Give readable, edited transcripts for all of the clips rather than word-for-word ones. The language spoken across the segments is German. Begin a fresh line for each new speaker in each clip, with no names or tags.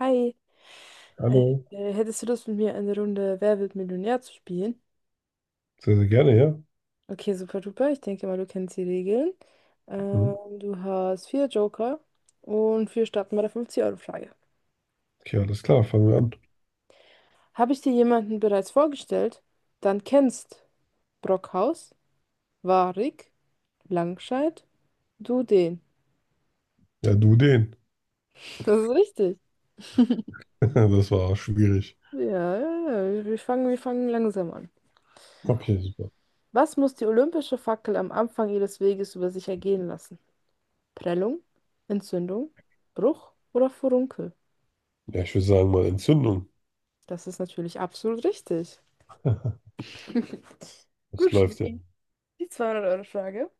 Hi,
Hallo.
hättest du Lust mit mir eine Runde Wer wird Millionär zu spielen?
Sehr, sehr gerne, ja.
Okay, super duper. Ich denke mal, du kennst die Regeln.
Mhm.
Ähm, du hast vier Joker und wir starten bei der 50-Euro-Frage.
Okay, alles klar, fangen wir an.
Habe ich dir jemanden bereits vorgestellt? Dann kennst Brockhaus, Warik, Langscheid, du den.
Ja, du den.
Das ist richtig.
Das war schwierig.
Ja, ja, ja. Wir fangen langsam an.
Okay, super.
Was muss die olympische Fackel am Anfang ihres Weges über sich ergehen lassen? Prellung, Entzündung, Bruch oder Furunkel?
Ja, ich würde sagen mal Entzündung.
Das ist natürlich absolut richtig.
Das
Gut,
läuft ja.
Schnee. Die 200-Euro-Frage.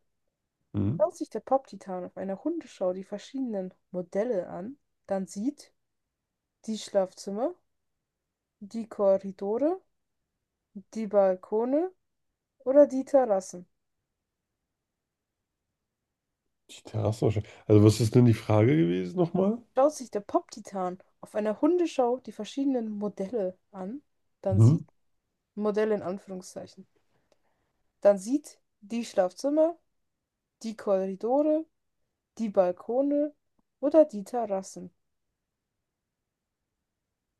Mhm.
Schaut sich der Pop-Titan auf einer Hundeschau die verschiedenen Modelle an, dann sieht die Schlafzimmer, die Korridore, die Balkone oder die Terrassen.
Die Terrassen wahrscheinlich. Also, was ist denn die Frage gewesen nochmal?
Schaut sich der Pop-Titan auf einer Hundeschau die verschiedenen Modelle an, dann
Mhm.
sieht Modelle in Anführungszeichen, dann sieht die Schlafzimmer, die Korridore, die Balkone oder die Terrassen.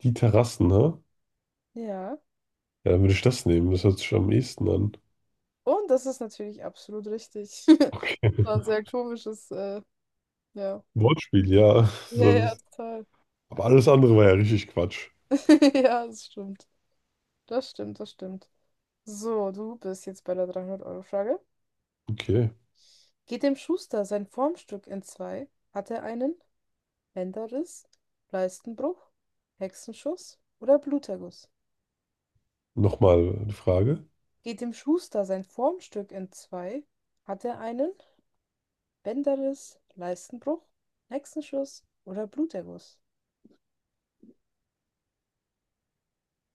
Die Terrassen, ne?
Ja.
Ja, dann würde ich das nehmen. Das hört sich am ehesten an.
Und das ist natürlich absolut richtig.
Okay.
Das war ein sehr komisches, ja.
Wortspiel, ja.
Ja,
So,
ja,
das,
total.
aber alles andere war ja richtig Quatsch.
Ja, das stimmt. Das stimmt, das stimmt. So, du bist jetzt bei der 300-Euro-Frage.
Okay.
Geht dem Schuster sein Formstück in zwei? Hat er einen Bänderriss, Leistenbruch, Hexenschuss oder Bluterguss?
Nochmal eine Frage.
Geht dem Schuster sein Formstück in zwei? Hat er einen Bänderriss, Leistenbruch, Hexenschuss oder Bluterguss?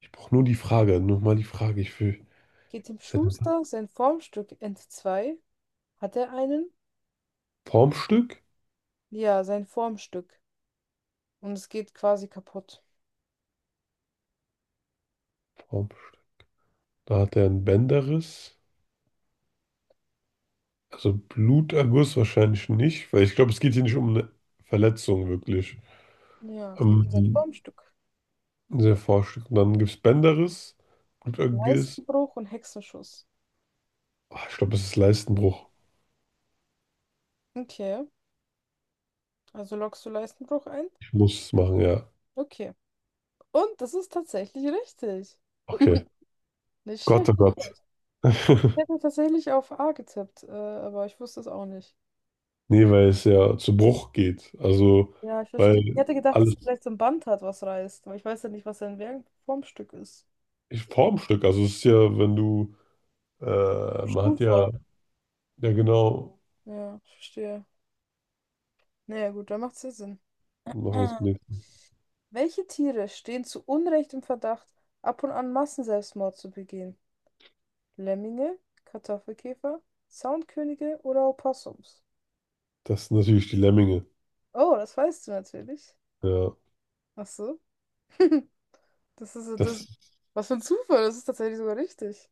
Ich brauche nur die Frage. Nochmal die Frage. Ich will.
Geht dem
Ist das ein
Schuster sein Formstück entzwei, hat er einen?
Formstück?
Ja, sein Formstück. Und es geht quasi kaputt.
Formstück. Da hat er einen Bänderriss. Also Bluterguss wahrscheinlich nicht, weil ich glaube, es geht hier nicht um eine Verletzung wirklich.
Ja, es geht um sein
Ähm,
Formstück.
sehr forscht. Und dann gibt es Bänderriss, Bluterguss.
Leistenbruch und Hexenschuss.
Ah, ich glaube, es ist Leistenbruch.
Okay, also loggst du Leistenbruch ein?
Ich muss es machen, ja.
Okay. Und das ist tatsächlich richtig.
Okay.
Nicht
Gott, oh
schlecht, nicht
Gott.
schlecht. Ich hätte tatsächlich auf A getippt, aber ich wusste es auch nicht.
Nee, weil es ja zu Bruch geht. Also,
Ja, ich verstehe. Ich
weil
hätte gedacht, dass
alles
er vielleicht so ein Band hat, was reißt. Aber ich weiß ja nicht, was sein in welchem Formstück ist.
ich, Formstück. Also, es ist ja, wenn du,
In
man hat ja,
Stuhlform.
ja genau,
Ja, ich verstehe. Naja, gut, dann macht's ja Sinn.
machen wir was gelesen.
Welche Tiere stehen zu Unrecht im Verdacht, ab und an Massenselbstmord zu begehen? Lemminge, Kartoffelkäfer, Soundkönige oder Opossums?
Das sind natürlich die Lemminge.
Oh, das weißt du natürlich.
Ja,
Ach so. Das ist, so, das,
das.
was für ein Zufall, das ist tatsächlich sogar richtig.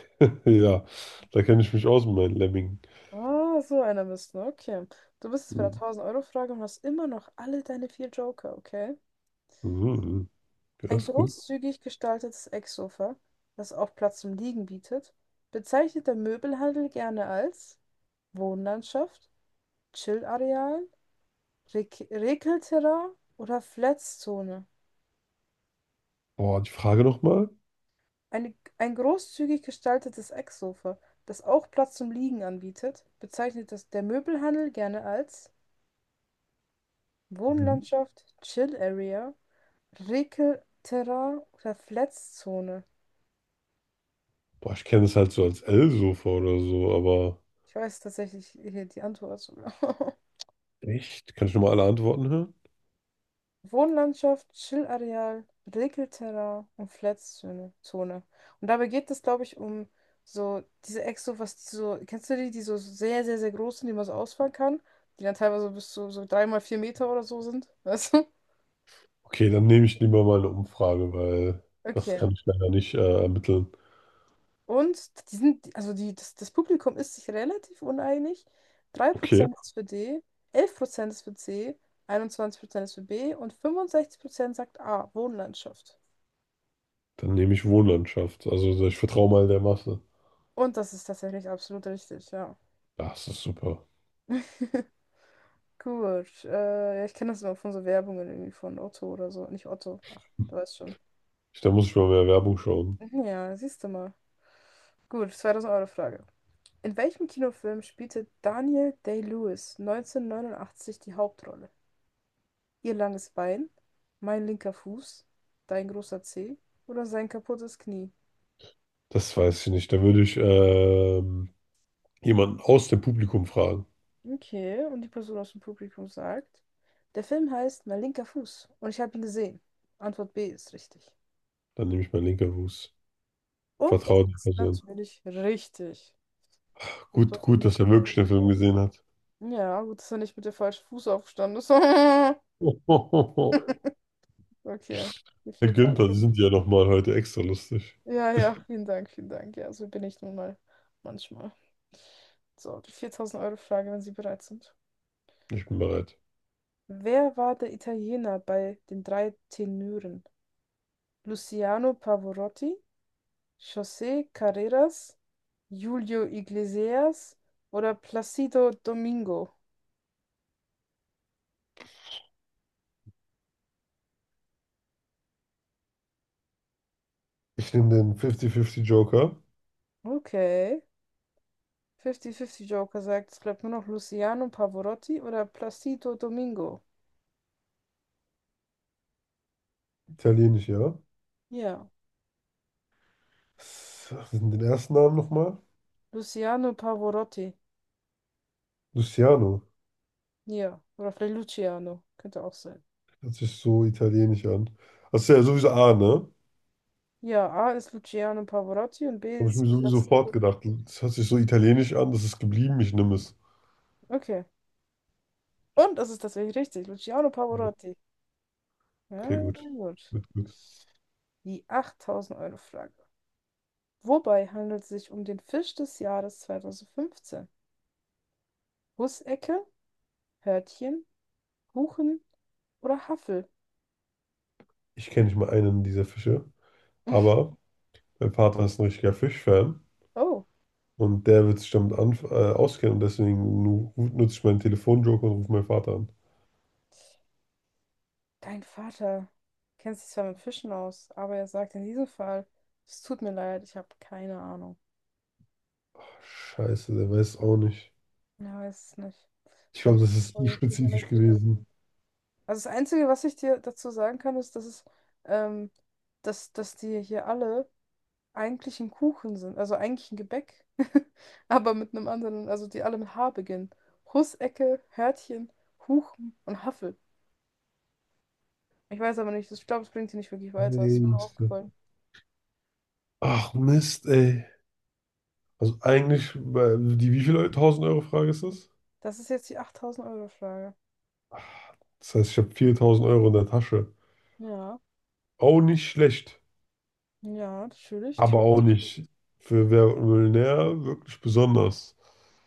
Ja, da kenne ich mich aus mit meinen Lemmingen.
Ah, so einer bist du. Okay. Du bist jetzt bei der
Mhm.
1000-Euro-Frage und hast immer noch alle deine vier Joker, okay?
Mhm. Das
Ein
ist gut.
großzügig gestaltetes Ecksofa, das auch Platz zum Liegen bietet, bezeichnet der Möbelhandel gerne als Wohnlandschaft, Chill-Areal, Rekelterrain oder Flatzzone.
Boah, die Frage nochmal.
Eine, ein großzügig gestaltetes Ecksofa, das auch Platz zum Liegen anbietet, bezeichnet das der Möbelhandel gerne als
Mhm.
Wohnlandschaft, Chill-Area, Rekelterrain oder Fletzzone?
Boah, ich kenne es halt so als L-Sofa oder so, aber
Ich weiß tatsächlich hier die Antwort sogar.
echt? Kann ich nochmal alle Antworten hören?
Wohnlandschaft, Chillareal, Rekelterrain und Fletzzone. Zone. Und dabei geht es, glaube ich, um so diese was die so, kennst du die, die so sehr, sehr, sehr groß sind, die man so ausfahren kann? Die dann teilweise bis zu so 3 mal 4 Meter oder so sind. Weißt du?
Okay, dann nehme ich lieber mal eine Umfrage, weil das
Okay.
kann ich leider nicht ermitteln.
Und die sind, also die, das, das Publikum ist sich relativ uneinig. drei
Okay,
Prozent ist für D, 11% ist für C, 21% ist für B und 65% sagt A, Wohnlandschaft.
dann nehme ich Wohnlandschaft. Also ich vertraue mal der Masse.
Und das ist tatsächlich absolut richtig, ja.
Ja, das ist super.
Gut, ja, ich kenne das immer von so Werbungen irgendwie von Otto oder so. Nicht Otto, ach, du weißt schon.
Da muss ich mal mehr Werbung schauen.
Ja, siehst du mal. Gut, 2000-Euro-Frage. In welchem Kinofilm spielte Daniel Day-Lewis 1989 die Hauptrolle? Ihr langes Bein, mein linker Fuß, dein großer Zeh oder sein kaputtes Knie?
Das weiß ich nicht. Da würde ich jemanden aus dem Publikum fragen.
Okay, und die Person aus dem Publikum sagt, der Film heißt Mein linker Fuß und ich habe ihn gesehen. Antwort B ist richtig.
Dann nehme ich meinen linker Fuß.
Und das
Vertraute
ist
Person.
natürlich richtig. Super,
Gut, gut,
super,
dass er
super.
wirklich den Film gesehen hat.
Ja, gut, dass er nicht mit dem falschen Fuß aufgestanden ist.
Herr
Okay, die 4000.
Günther, Sie sind ja nochmal heute extra lustig.
Ja, ja, vielen Dank, vielen Dank. Ja, so bin ich nun mal manchmal. So, die 4000-Euro-Frage, wenn Sie bereit sind.
Ich bin bereit.
Wer war der Italiener bei den drei Tenören? Luciano Pavarotti, José Carreras, Julio Iglesias oder Placido Domingo?
Ich nehme den 50-50 Joker.
Okay. 50-50 Joker sagt, es bleibt nur noch Luciano Pavarotti oder Placido Domingo.
Italienisch, ja.
Ja,
Was ist denn den ersten Namen nochmal?
Luciano Pavarotti.
Luciano.
Ja, oder vielleicht Luciano. Könnte auch sein.
Hört sich so italienisch an. Das ist ja sowieso A, ne?
Ja, A ist Luciano Pavarotti und B
Habe ich
ist
mir sowieso
Placido.
fortgedacht. Das hört sich so italienisch an, das ist geblieben, ich nehme es.
Okay. Und das ist tatsächlich richtig. Luciano Pavarotti.
Okay,
Ja,
gut.
gut.
Gut, gut.
Die 8000-Euro-Frage. Wobei handelt es sich um den Fisch des Jahres 2015? Hussecke, Hörtchen, Huchen oder Haffel?
Ich kenne nicht mal einen dieser Fische, aber mein Vater ist ein richtiger Fischfan.
Oh,
Und der wird sich damit an, auskennen und deswegen nu nutze ich meinen Telefonjoker und rufe meinen Vater an.
dein Vater kennt sich zwar mit Fischen aus, aber er sagt in diesem Fall, es tut mir leid, ich habe keine Ahnung.
Scheiße, der weiß auch nicht.
Ja, weiß es nicht.
Ich
Da,
glaube, das ist zu spezifisch gewesen.
also das Einzige, was ich dir dazu sagen kann, ist, dass es, ähm, dass, dass die hier alle eigentlich ein Kuchen sind, also eigentlich ein Gebäck, aber mit einem anderen, also die alle mit H beginnen. Hussecke, Hörtchen, Huchen und Haffel. Ich weiß aber nicht, ich glaube, es bringt sie nicht wirklich weiter. Das
Ey,
ist mir nur
Mist.
aufgefallen.
Ach Mist, ey. Also eigentlich, weil die wie viel 1000 € Frage ist das?
Das ist jetzt die 8000-Euro-Frage.
Das heißt, ich habe 4000 € in der Tasche.
Ja,
Auch nicht schlecht,
ja, natürlich.
aber auch nicht für Wer wird Millionär wirklich besonders.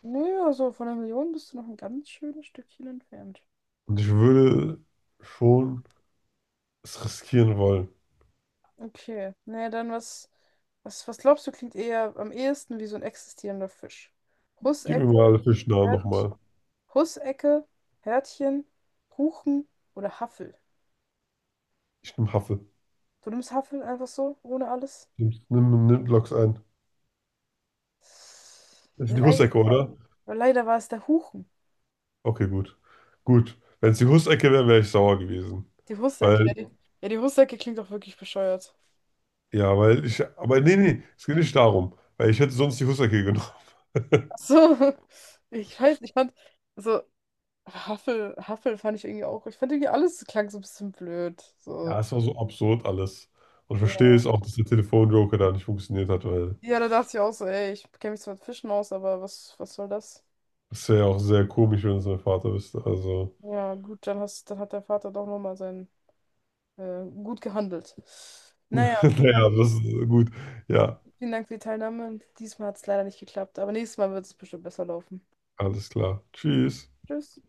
Nö, also von der Million bist du noch ein ganz schönes Stückchen entfernt.
Und ich würde schon es riskieren wollen.
Okay, naja, was, was, glaubst du, klingt eher am ehesten wie so ein existierender Fisch?
Gib mir mal
Hussecke,
alle Fischnamen
Hört,
nochmal.
Hussecke, Hörtchen, Huchen oder Haffel.
Ich nehme Haffel.
Du nimmst Haffel einfach so, ohne alles?
Nimm Loks ein. Das ist die Hussecke,
Leider.
oder?
Aber leider war es der Huchen.
Okay, gut. Gut. Wenn es die Hussecke wäre, wäre ich sauer gewesen.
Die Hussecke,
Weil,
ja, die Hussecke klingt doch wirklich bescheuert.
ja, weil ich, aber nee, es geht nicht darum. Weil ich hätte sonst die Hussecke genommen.
Ach so, ich weiß, ich fand, so, Haffel, Haffel fand ich irgendwie auch, ich fand irgendwie alles klang so ein bisschen blöd.
Ja,
So,
es war so absurd alles. Und ich verstehe
ja.
es auch, dass der Telefonjoker da nicht funktioniert hat, weil
Ja, da dachte ich auch so, ey, ich kenne mich zwar mit Fischen aus, aber was soll das?
das wäre ja auch sehr komisch, wenn es mein Vater wüsste. Also,
Ja, gut, dann hat der Vater doch nochmal seinen gut gehandelt. Naja,
naja, das ist gut. Ja,
vielen Dank für die Teilnahme. Diesmal hat es leider nicht geklappt, aber nächstes Mal wird es bestimmt besser laufen.
alles klar. Tschüss.
Tschüss.